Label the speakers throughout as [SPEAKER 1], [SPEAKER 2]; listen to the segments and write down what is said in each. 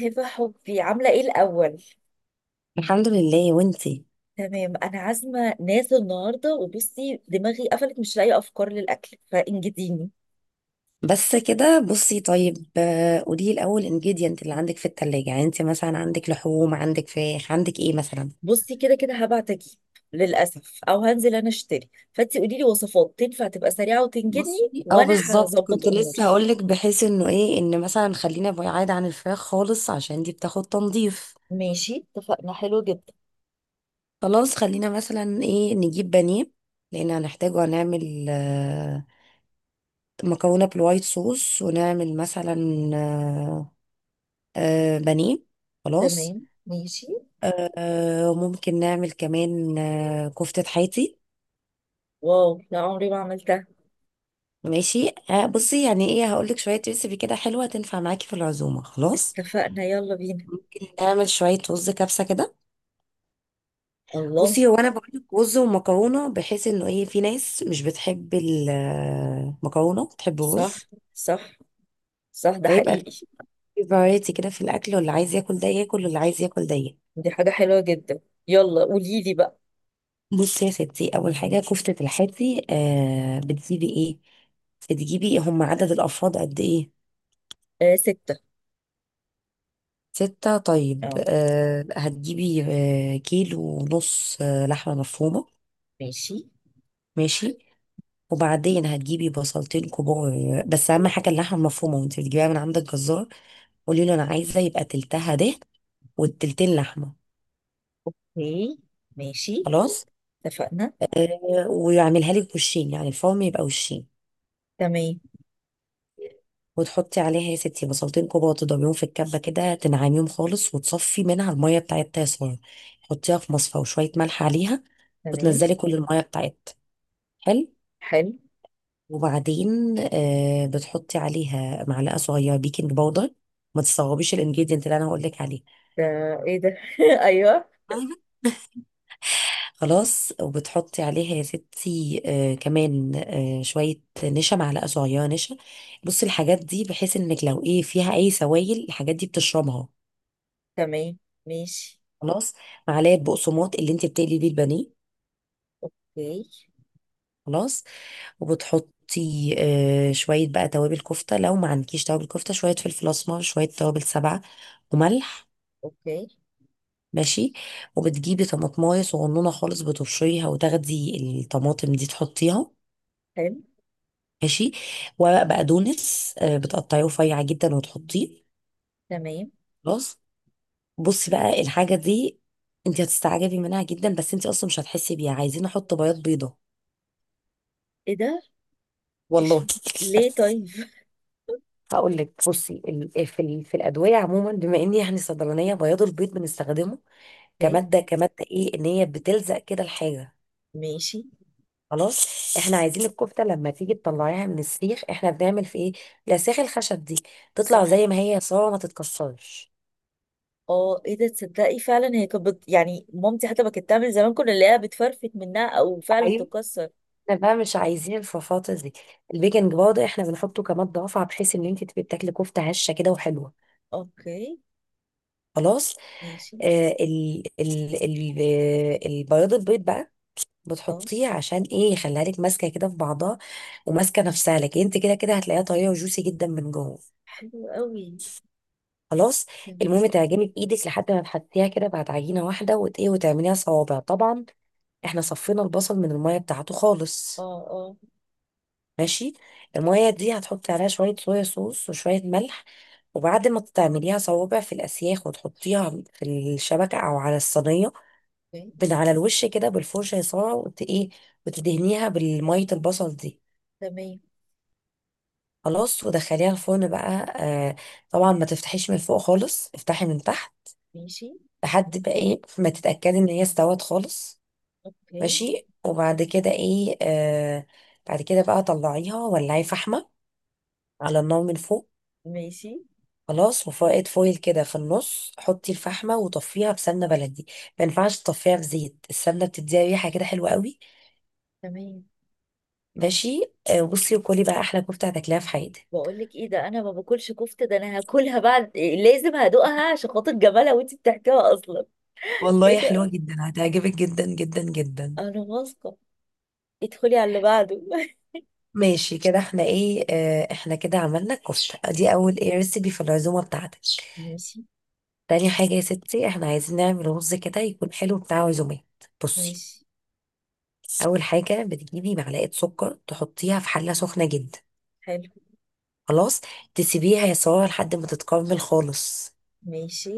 [SPEAKER 1] هبة حبي، عاملة ايه الأول؟
[SPEAKER 2] الحمد لله وانتي.
[SPEAKER 1] تمام، أنا عازمة ناس النهاردة وبصي دماغي قفلت، مش لاقية أفكار للأكل، فانجديني.
[SPEAKER 2] بس كده بصي طيب قولي لي الاول انجيديانت اللي عندك في التلاجة، يعني انت مثلا عندك لحوم، عندك فراخ، عندك ايه مثلا؟
[SPEAKER 1] بصي، كده كده هبعت أجيب للأسف، أو هنزل أنا أشتري، فأنتي قولي لي وصفات تنفع تبقى سريعة وتنجدني،
[SPEAKER 2] بصي اه
[SPEAKER 1] وأنا
[SPEAKER 2] بالظبط
[SPEAKER 1] هظبط
[SPEAKER 2] كنت
[SPEAKER 1] أموري.
[SPEAKER 2] لسه هقولك بحيث انه ايه، ان مثلا خلينا بعيد عن الفراخ خالص عشان دي بتاخد تنظيف.
[SPEAKER 1] ماشي، اتفقنا. حلو جدا.
[SPEAKER 2] خلاص خلينا مثلا ايه، نجيب بانيه لان هنحتاجه، هنعمل مكرونه بالوايت صوص، ونعمل مثلا آه، بانيه. خلاص
[SPEAKER 1] تمام ماشي.
[SPEAKER 2] ممكن نعمل كمان كفتة حياتي.
[SPEAKER 1] واو، لا عمري ما عملتها.
[SPEAKER 2] ماشي بصي، يعني ايه، هقولك شوية ريسيبي كده حلوة تنفع معاكي في العزومة. خلاص
[SPEAKER 1] اتفقنا، يلا بينا.
[SPEAKER 2] نعمل شوية رز كبسة كده.
[SPEAKER 1] الله.
[SPEAKER 2] بصي هو انا بقولك رز ومكرونة بحيث انه ايه، في ناس مش بتحب المكرونة بتحب
[SPEAKER 1] صح،
[SPEAKER 2] الرز.
[SPEAKER 1] صح، صح، ده
[SPEAKER 2] فيبقى
[SPEAKER 1] حقيقي.
[SPEAKER 2] في فرايتي كده في الاكل، واللي عايز ياكل ده ياكل، واللي عايز ياكل ده ياكل.
[SPEAKER 1] دي حاجة حلوة جدا. يلا قولي لي بقى.
[SPEAKER 2] بصي يا ستي، اول حاجة كفتة الحاتي، بتجيبي ايه؟ بتجيبي هم عدد الافراد قد ايه؟
[SPEAKER 1] آه، ستة.
[SPEAKER 2] ستة، طيب
[SPEAKER 1] آه.
[SPEAKER 2] أه هتجيبي أه كيلو ونص لحمة مفرومة.
[SPEAKER 1] ماشي.
[SPEAKER 2] ماشي وبعدين هتجيبي بصلتين كبار. بس أهم حاجة اللحمة المفرومة، وانت بتجيبيها من عند الجزار قولي له أنا عايزة يبقى تلتها دهن والتلتين لحمة.
[SPEAKER 1] اوكي. ماشي.
[SPEAKER 2] خلاص،
[SPEAKER 1] اتفقنا.
[SPEAKER 2] أه ويعملها لك وشين، يعني الفرم يبقى وشين.
[SPEAKER 1] تمام.
[SPEAKER 2] وتحطي عليها يا ستي بصلتين كبار تضربيهم في الكبة كده تنعميهم خالص وتصفي منها المية بتاعتها يا سارة. حطيها في مصفى وشوية ملح عليها
[SPEAKER 1] تمام.
[SPEAKER 2] وتنزلي كل المية بتاعتها. حلو.
[SPEAKER 1] حلو.
[SPEAKER 2] وبعدين بتحطي عليها معلقه صغيره بيكنج باودر. ما تستغربيش الانجريدينت اللي انا هقول لك عليه.
[SPEAKER 1] ده ايه ده؟ ايوه.
[SPEAKER 2] أيوة، خلاص. وبتحطي عليها يا ستي كمان شويه نشا، معلقه صغيره نشا. بصي الحاجات دي بحيث انك لو ايه، فيها اي سوائل الحاجات دي بتشربها.
[SPEAKER 1] تمام ماشي.
[SPEAKER 2] خلاص، معلقه بقسماط اللي انت بتقلي بيه البانيه.
[SPEAKER 1] اوكي.
[SPEAKER 2] خلاص وبتحطي شويه بقى توابل كفته، لو ما عندكيش توابل كفته شويه فلفل اسمر شويه توابل سبعه وملح.
[SPEAKER 1] اوكي.
[SPEAKER 2] ماشي. وبتجيبي طماطمايه صغنونه خالص بتبشريها وتاخدي الطماطم دي تحطيها.
[SPEAKER 1] حلو.
[SPEAKER 2] ماشي. ورق بقدونس بتقطعيه رفيع جدا وتحطيه.
[SPEAKER 1] تمام.
[SPEAKER 2] خلاص. بصي بقى الحاجه دي انت هتستعجبي منها جدا، بس انت اصلا مش هتحسي بيها، عايزين احط بياض بيضه.
[SPEAKER 1] ايه ده؟ إيش...
[SPEAKER 2] والله
[SPEAKER 1] ليه طيب؟
[SPEAKER 2] هقول لك، بصي في الادويه عموما، بما اني يعني صيدلانيه، بياض البيض بنستخدمه
[SPEAKER 1] اوكي.
[SPEAKER 2] كماده ايه، ان هي بتلزق كده الحاجه.
[SPEAKER 1] ماشي.
[SPEAKER 2] خلاص، احنا عايزين الكفته لما تيجي تطلعيها من السيخ احنا بنعمل في ايه، الاسياخ الخشب دي تطلع
[SPEAKER 1] صح.
[SPEAKER 2] زي ما هي صورة، ما تتكسرش.
[SPEAKER 1] اه، ايه ده، تصدقي فعلا هي كانت يعني مامتي حتى ما كانت تعمل زمان، كنا نلاقيها بتفرفت منها او فعلا
[SPEAKER 2] ايوه،
[SPEAKER 1] تكسر.
[SPEAKER 2] احنا بقى مش عايزين الفرفاطه دي. البيكنج باودر احنا بنحطه كمادة رافعة بحيث ان انت تبقي بتاكلي كفته هشه كده وحلوه.
[SPEAKER 1] اوكي.
[SPEAKER 2] خلاص.
[SPEAKER 1] ماشي.
[SPEAKER 2] آه ال ال ال آه، البياض البيض بقى
[SPEAKER 1] اه.
[SPEAKER 2] بتحطيه عشان ايه، يخليها لك ماسكه كده في بعضها وماسكه نفسها لك، انت كده كده هتلاقيها طريه وجوسي جدا من جوه.
[SPEAKER 1] حلو قوي.
[SPEAKER 2] خلاص.
[SPEAKER 1] تمام.
[SPEAKER 2] المهم تعجني بايدك لحد ما تحطيها كده بعد عجينه واحده ايه، وتعمليها صوابع. طبعا احنا صفينا البصل من الميه بتاعته
[SPEAKER 1] اه
[SPEAKER 2] خالص.
[SPEAKER 1] اه.
[SPEAKER 2] ماشي. الميه دي هتحطي عليها شويه صويا صوص وشويه ملح، وبعد ما تعمليها صوابع في الاسياخ وتحطيها في الشبكه او على الصينيه
[SPEAKER 1] اوكي.
[SPEAKER 2] من على الوش كده بالفرشه يا ساره، وت ايه، وتدهنيها بالميه البصل دي.
[SPEAKER 1] تمام
[SPEAKER 2] خلاص ودخليها الفرن بقى. آه، طبعا ما تفتحيش من فوق خالص، افتحي من تحت
[SPEAKER 1] ماشي.
[SPEAKER 2] لحد بقى ايه، ما تتأكدي ان هي استوت خالص.
[SPEAKER 1] اوكي.
[SPEAKER 2] ماشي. وبعد كده ايه بعد كده بقى طلعيها، ولعي فحمة على النار من فوق.
[SPEAKER 1] ماشي.
[SPEAKER 2] خلاص. وفائد فويل كده في النص، حطي الفحمة وطفيها بسمنة بلدي. ما ينفعش تطفيها بزيت، السمنة بتديها ريحة كده حلوة قوي.
[SPEAKER 1] تمام.
[SPEAKER 2] ماشي. بصي وكلي بقى احلى كفتة هتاكليها في حياتك.
[SPEAKER 1] بقول لك ايه ده، انا ما باكلش كفته، ده انا هاكلها بعد إيه، لازم هدوقها عشان خاطر جمالها وانت بتحكيها اصلا.
[SPEAKER 2] والله
[SPEAKER 1] ايه
[SPEAKER 2] حلوة
[SPEAKER 1] ده.
[SPEAKER 2] جدا، هتعجبك جدا جدا جدا.
[SPEAKER 1] انا واثقه. ادخلي على اللي بعده.
[SPEAKER 2] ماشي، كده احنا ايه، اه احنا كده عملنا الكفتة دي اول ايه ريسيبي في العزومة بتاعتك.
[SPEAKER 1] ماشي.
[SPEAKER 2] تاني حاجة يا ستي احنا عايزين نعمل رز كده يكون حلو بتاع عزومات. بصي،
[SPEAKER 1] ماشي.
[SPEAKER 2] أول حاجة بتجيبي معلقة سكر تحطيها في حلة سخنة جدا.
[SPEAKER 1] حلو.
[SPEAKER 2] خلاص. تسيبيها يا سارة لحد ما تتكرمل خالص،
[SPEAKER 1] ماشي.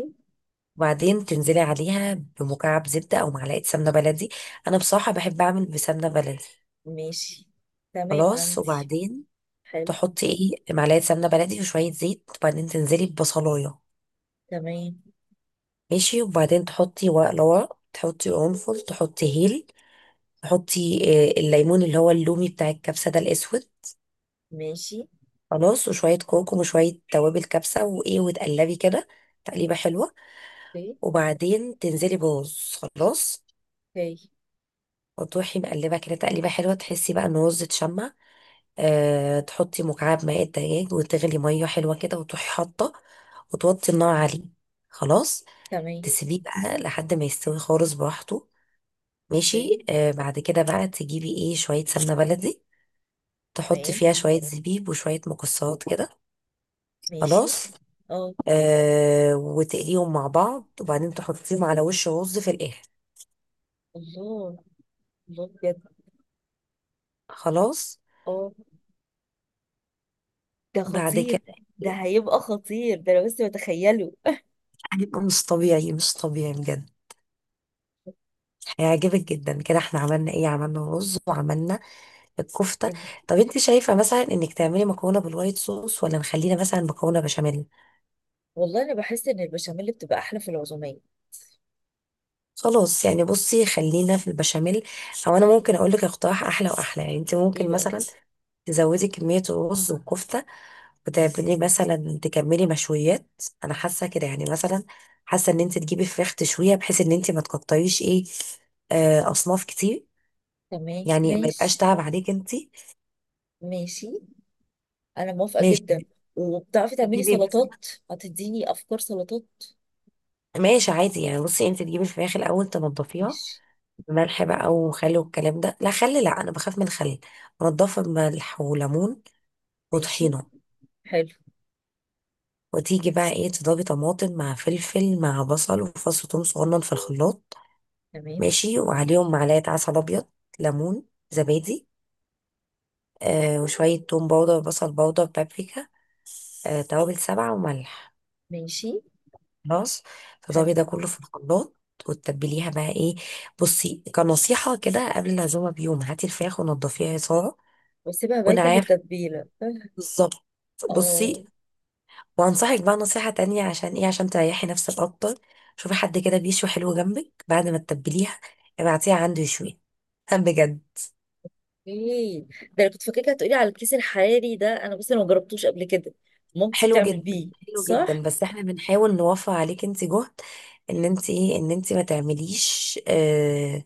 [SPEAKER 2] وبعدين تنزلي عليها بمكعب زبدة أو معلقة سمنة بلدي. أنا بصراحة بحب أعمل بسمنة بلدي.
[SPEAKER 1] ماشي. تمام
[SPEAKER 2] خلاص
[SPEAKER 1] عندي.
[SPEAKER 2] وبعدين
[SPEAKER 1] حلو.
[SPEAKER 2] تحطي ايه، معلقة سمنة بلدي وشوية زيت، وبعدين تنزلي ببصلاية.
[SPEAKER 1] تمام
[SPEAKER 2] ماشي. وبعدين تحطي ورق لورا، تحطي قرنفل، تحطي هيل، تحطي الليمون اللي هو اللومي بتاع الكبسة ده الأسود.
[SPEAKER 1] ماشي.
[SPEAKER 2] خلاص وشوية كركم وشوية توابل كبسة وإيه وتقلبي كده تقليبة حلوة.
[SPEAKER 1] اوكي.
[SPEAKER 2] وبعدين تنزلي برز. خلاص
[SPEAKER 1] اوكي.
[SPEAKER 2] وتروحي مقلبة كده تقليبة حلوة تحسي بقى إن الرز اتشمع. أه تحطي مكعب ماء الدجاج وتغلي مية حلوة كده وتروحي حاطة وتوطي النار عليه. خلاص،
[SPEAKER 1] تمام.
[SPEAKER 2] تسيبيه بقى لحد ما يستوي خالص براحته. ماشي.
[SPEAKER 1] اوكي.
[SPEAKER 2] بعد كده بقى تجيبي ايه، شوية سمنة بلدي تحطي
[SPEAKER 1] تمام
[SPEAKER 2] فيها شوية زبيب وشوية مكسرات كده.
[SPEAKER 1] ماشي.
[SPEAKER 2] خلاص.
[SPEAKER 1] اه.
[SPEAKER 2] آه وتقليهم مع بعض وبعدين تحطيهم على وش رز في الآخر.
[SPEAKER 1] الله. الله بجد.
[SPEAKER 2] خلاص.
[SPEAKER 1] اه. ده
[SPEAKER 2] بعد
[SPEAKER 1] خطير.
[SPEAKER 2] كده
[SPEAKER 1] ده هيبقى خطير، ده انا بس بتخيله.
[SPEAKER 2] هيبقى مش طبيعي، مش طبيعي بجد، هيعجبك جدا. كده احنا عملنا ايه، عملنا رز وعملنا الكفتة. طب انت شايفة مثلا انك تعملي مكرونة بالوايت صوص، ولا نخلينا مثلا مكرونة بشاميل.
[SPEAKER 1] والله انا بحس ان البشاميل بتبقى احلى في العزوميه.
[SPEAKER 2] خلاص يعني بصي خلينا في البشاميل. او انا ممكن اقول لك اقتراح احلى واحلى، يعني انت
[SPEAKER 1] ايه
[SPEAKER 2] ممكن
[SPEAKER 1] بقى؟
[SPEAKER 2] مثلا تزودي كمية الرز والكفتة وتعملي مثلا، تكملي مشويات. انا حاسه كده، يعني مثلا حاسه ان انت تجيبي فراخ تشويها بحيث ان انت ما تقطعيش ايه اصناف كتير.
[SPEAKER 1] تمام
[SPEAKER 2] يعني ما يبقاش
[SPEAKER 1] ماشي.
[SPEAKER 2] تعب عليك انت.
[SPEAKER 1] ماشي، انا موافقه جدا.
[SPEAKER 2] ماشي.
[SPEAKER 1] وبتعرفي تعملي
[SPEAKER 2] تجيبي مثلا،
[SPEAKER 1] سلطات؟ هتديني افكار سلطات.
[SPEAKER 2] ماشي عادي، يعني بصي انت تجيبي الفراخ الاول تنضفيها
[SPEAKER 1] ماشي.
[SPEAKER 2] بملح بقى وخل والكلام ده، لا خل، لا انا بخاف من الخل. انضفها بملح وليمون
[SPEAKER 1] ماشي.
[SPEAKER 2] وطحينه.
[SPEAKER 1] حلو.
[SPEAKER 2] وتيجي بقى ايه، تضربي طماطم مع فلفل مع بصل وفص ثوم صغنن في الخلاط.
[SPEAKER 1] تمام
[SPEAKER 2] ماشي. وعليهم معلقة عسل أبيض، ليمون، زبادي، آه وشوية توم باودر بصل باودر بابريكا، آه توابل سبعة وملح.
[SPEAKER 1] ماشي.
[SPEAKER 2] خلاص، تضربي
[SPEAKER 1] حلو.
[SPEAKER 2] ده كله في الخلاط وتتبليها بقى ايه. بصي كنصيحة كده، قبل العزومة بيوم هاتي الفراخ ونضفيها يا سارة.
[SPEAKER 1] واسيبها
[SPEAKER 2] وانا
[SPEAKER 1] بايته في
[SPEAKER 2] عارف
[SPEAKER 1] التتبيله.
[SPEAKER 2] بالظبط.
[SPEAKER 1] اه.
[SPEAKER 2] بصي وانصحك بقى نصيحة تانية، عشان ايه، عشان تريحي نفسك اكتر شوفي حد كده بيشوي حلو جنبك بعد ما تتبليها ابعتيها عنده يشوي بجد
[SPEAKER 1] ايه ده، انا كنت فاكرك هتقولي على الكيس الحراري ده، انا بس انا ما جربتوش قبل كده. مامتي
[SPEAKER 2] حلو
[SPEAKER 1] بتعمل
[SPEAKER 2] جدا،
[SPEAKER 1] بيه،
[SPEAKER 2] حلو جدا،
[SPEAKER 1] صح؟
[SPEAKER 2] بس احنا بنحاول نوفر عليك انت جهد، ان انت ايه، ان انت ما تعمليش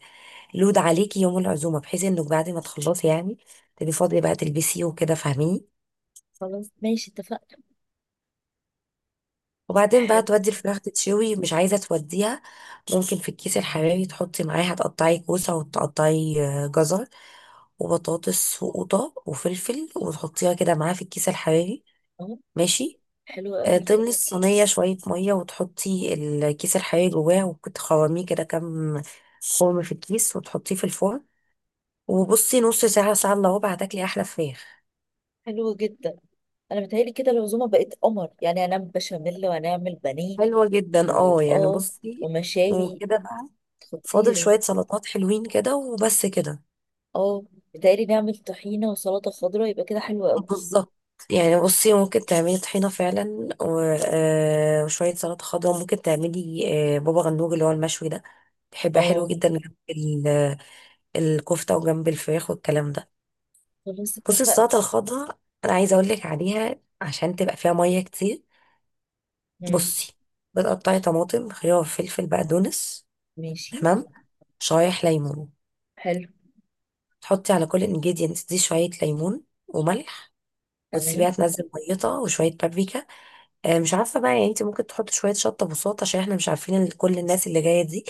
[SPEAKER 2] لود عليكي يوم العزومه بحيث انك بعد ما تخلصي يعني تبقي فاضيه بقى تلبسي وكده، فاهميني.
[SPEAKER 1] خلاص ماشي، اتفقنا.
[SPEAKER 2] وبعدين بقى
[SPEAKER 1] حلو.
[SPEAKER 2] تودي الفراخ تتشوي، مش عايزه توديها ممكن في الكيس الحراري تحطي معاها، تقطعي كوسه وتقطعي جزر وبطاطس وقوطه وفلفل وتحطيها كده معاها في الكيس الحراري.
[SPEAKER 1] اه.
[SPEAKER 2] ماشي.
[SPEAKER 1] حلو قوي.
[SPEAKER 2] تملي الصينية شوية مية وتحطي الكيس الحقيقي جواه وتخرميه كده كام خرم في الكيس، وتحطيه في الفرن. وبصي نص ساعة ساعة إلا ربع هتاكلي أحلى فراخ.
[SPEAKER 1] حلو جدا. انا متهيألي كده العزومه بقت قمر، يعني هنعمل بشاميل وهنعمل بانيه.
[SPEAKER 2] حلوة جدا اه، يعني
[SPEAKER 1] واه.
[SPEAKER 2] بصي
[SPEAKER 1] ومشاوي.
[SPEAKER 2] وكده بقى فاضل
[SPEAKER 1] خطير.
[SPEAKER 2] شوية سلطات حلوين كده وبس كده.
[SPEAKER 1] اه، متهيألي نعمل طحينه وسلطه خضراء، يبقى كده حلو قوي.
[SPEAKER 2] بالظبط، يعني بصي ممكن تعملي طحينة فعلا وشوية سلطة خضراء، ممكن تعملي بابا غنوج اللي هو المشوي ده، بيبقى حلو
[SPEAKER 1] اه.
[SPEAKER 2] جدا جنب الكفتة وجنب الفراخ والكلام ده.
[SPEAKER 1] خلاص
[SPEAKER 2] بصي
[SPEAKER 1] اتفقنا.
[SPEAKER 2] السلطة الخضراء أنا عايزة أقولك عليها عشان تبقى فيها مية كتير.
[SPEAKER 1] مم.
[SPEAKER 2] بصي، بتقطعي طماطم خيار فلفل بقدونس.
[SPEAKER 1] ماشي.
[SPEAKER 2] تمام. شرايح ليمون.
[SPEAKER 1] حلو.
[SPEAKER 2] تحطي على كل انجيدينت دي شوية ليمون وملح، وتسيبيها
[SPEAKER 1] تمام
[SPEAKER 2] تنزل ميتها، وشوية بابريكا. آه مش عارفة بقى، يعني انت ممكن تحطي شوية شطة بساط، عشان احنا مش عارفين كل الناس اللي جاية دي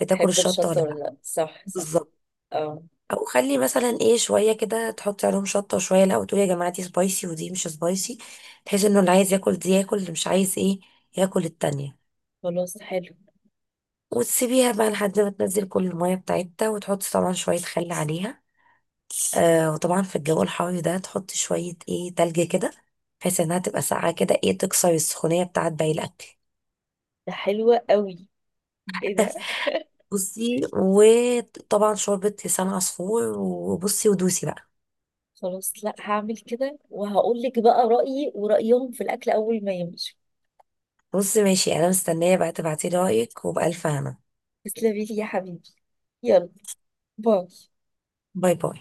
[SPEAKER 2] بتاكل
[SPEAKER 1] حب
[SPEAKER 2] الشطة ولا
[SPEAKER 1] الشطه ولا
[SPEAKER 2] لا.
[SPEAKER 1] لا، صح صح.
[SPEAKER 2] بالظبط.
[SPEAKER 1] اه.
[SPEAKER 2] او خلي مثلا ايه، شويه كده تحطي عليهم شطه وشويه لا، وتقولي يا جماعه دي سبايسي ودي مش سبايسي، بحيث انه اللي عايز ياكل دي ياكل، اللي مش عايز ايه ياكل التانية.
[SPEAKER 1] خلاص. حلو.
[SPEAKER 2] وتسيبيها بقى لحد ما تنزل كل الميه بتاعتها، وتحطي طبعا شويه خل عليها. آه وطبعا في الجو الحار ده تحطي شويه ايه تلج كده بحيث انها تبقى ساقعه كده ايه، تكسر السخونيه بتاعت باقي الاكل.
[SPEAKER 1] ده حلوه قوي. ايه ده؟
[SPEAKER 2] بصي وطبعا شوربة لسان عصفور، وبصي ودوسي بقى.
[SPEAKER 1] خلاص، لا هعمل كده وهقول لك بقى رأيي ورأيهم في الاكل اول ما يمشوا.
[SPEAKER 2] بصي ماشي، انا مستنية بقى تبعتيلي رأيك وبألف هنا.
[SPEAKER 1] تسلمي لي يا حبيبي. يلا. باي.
[SPEAKER 2] باي باي.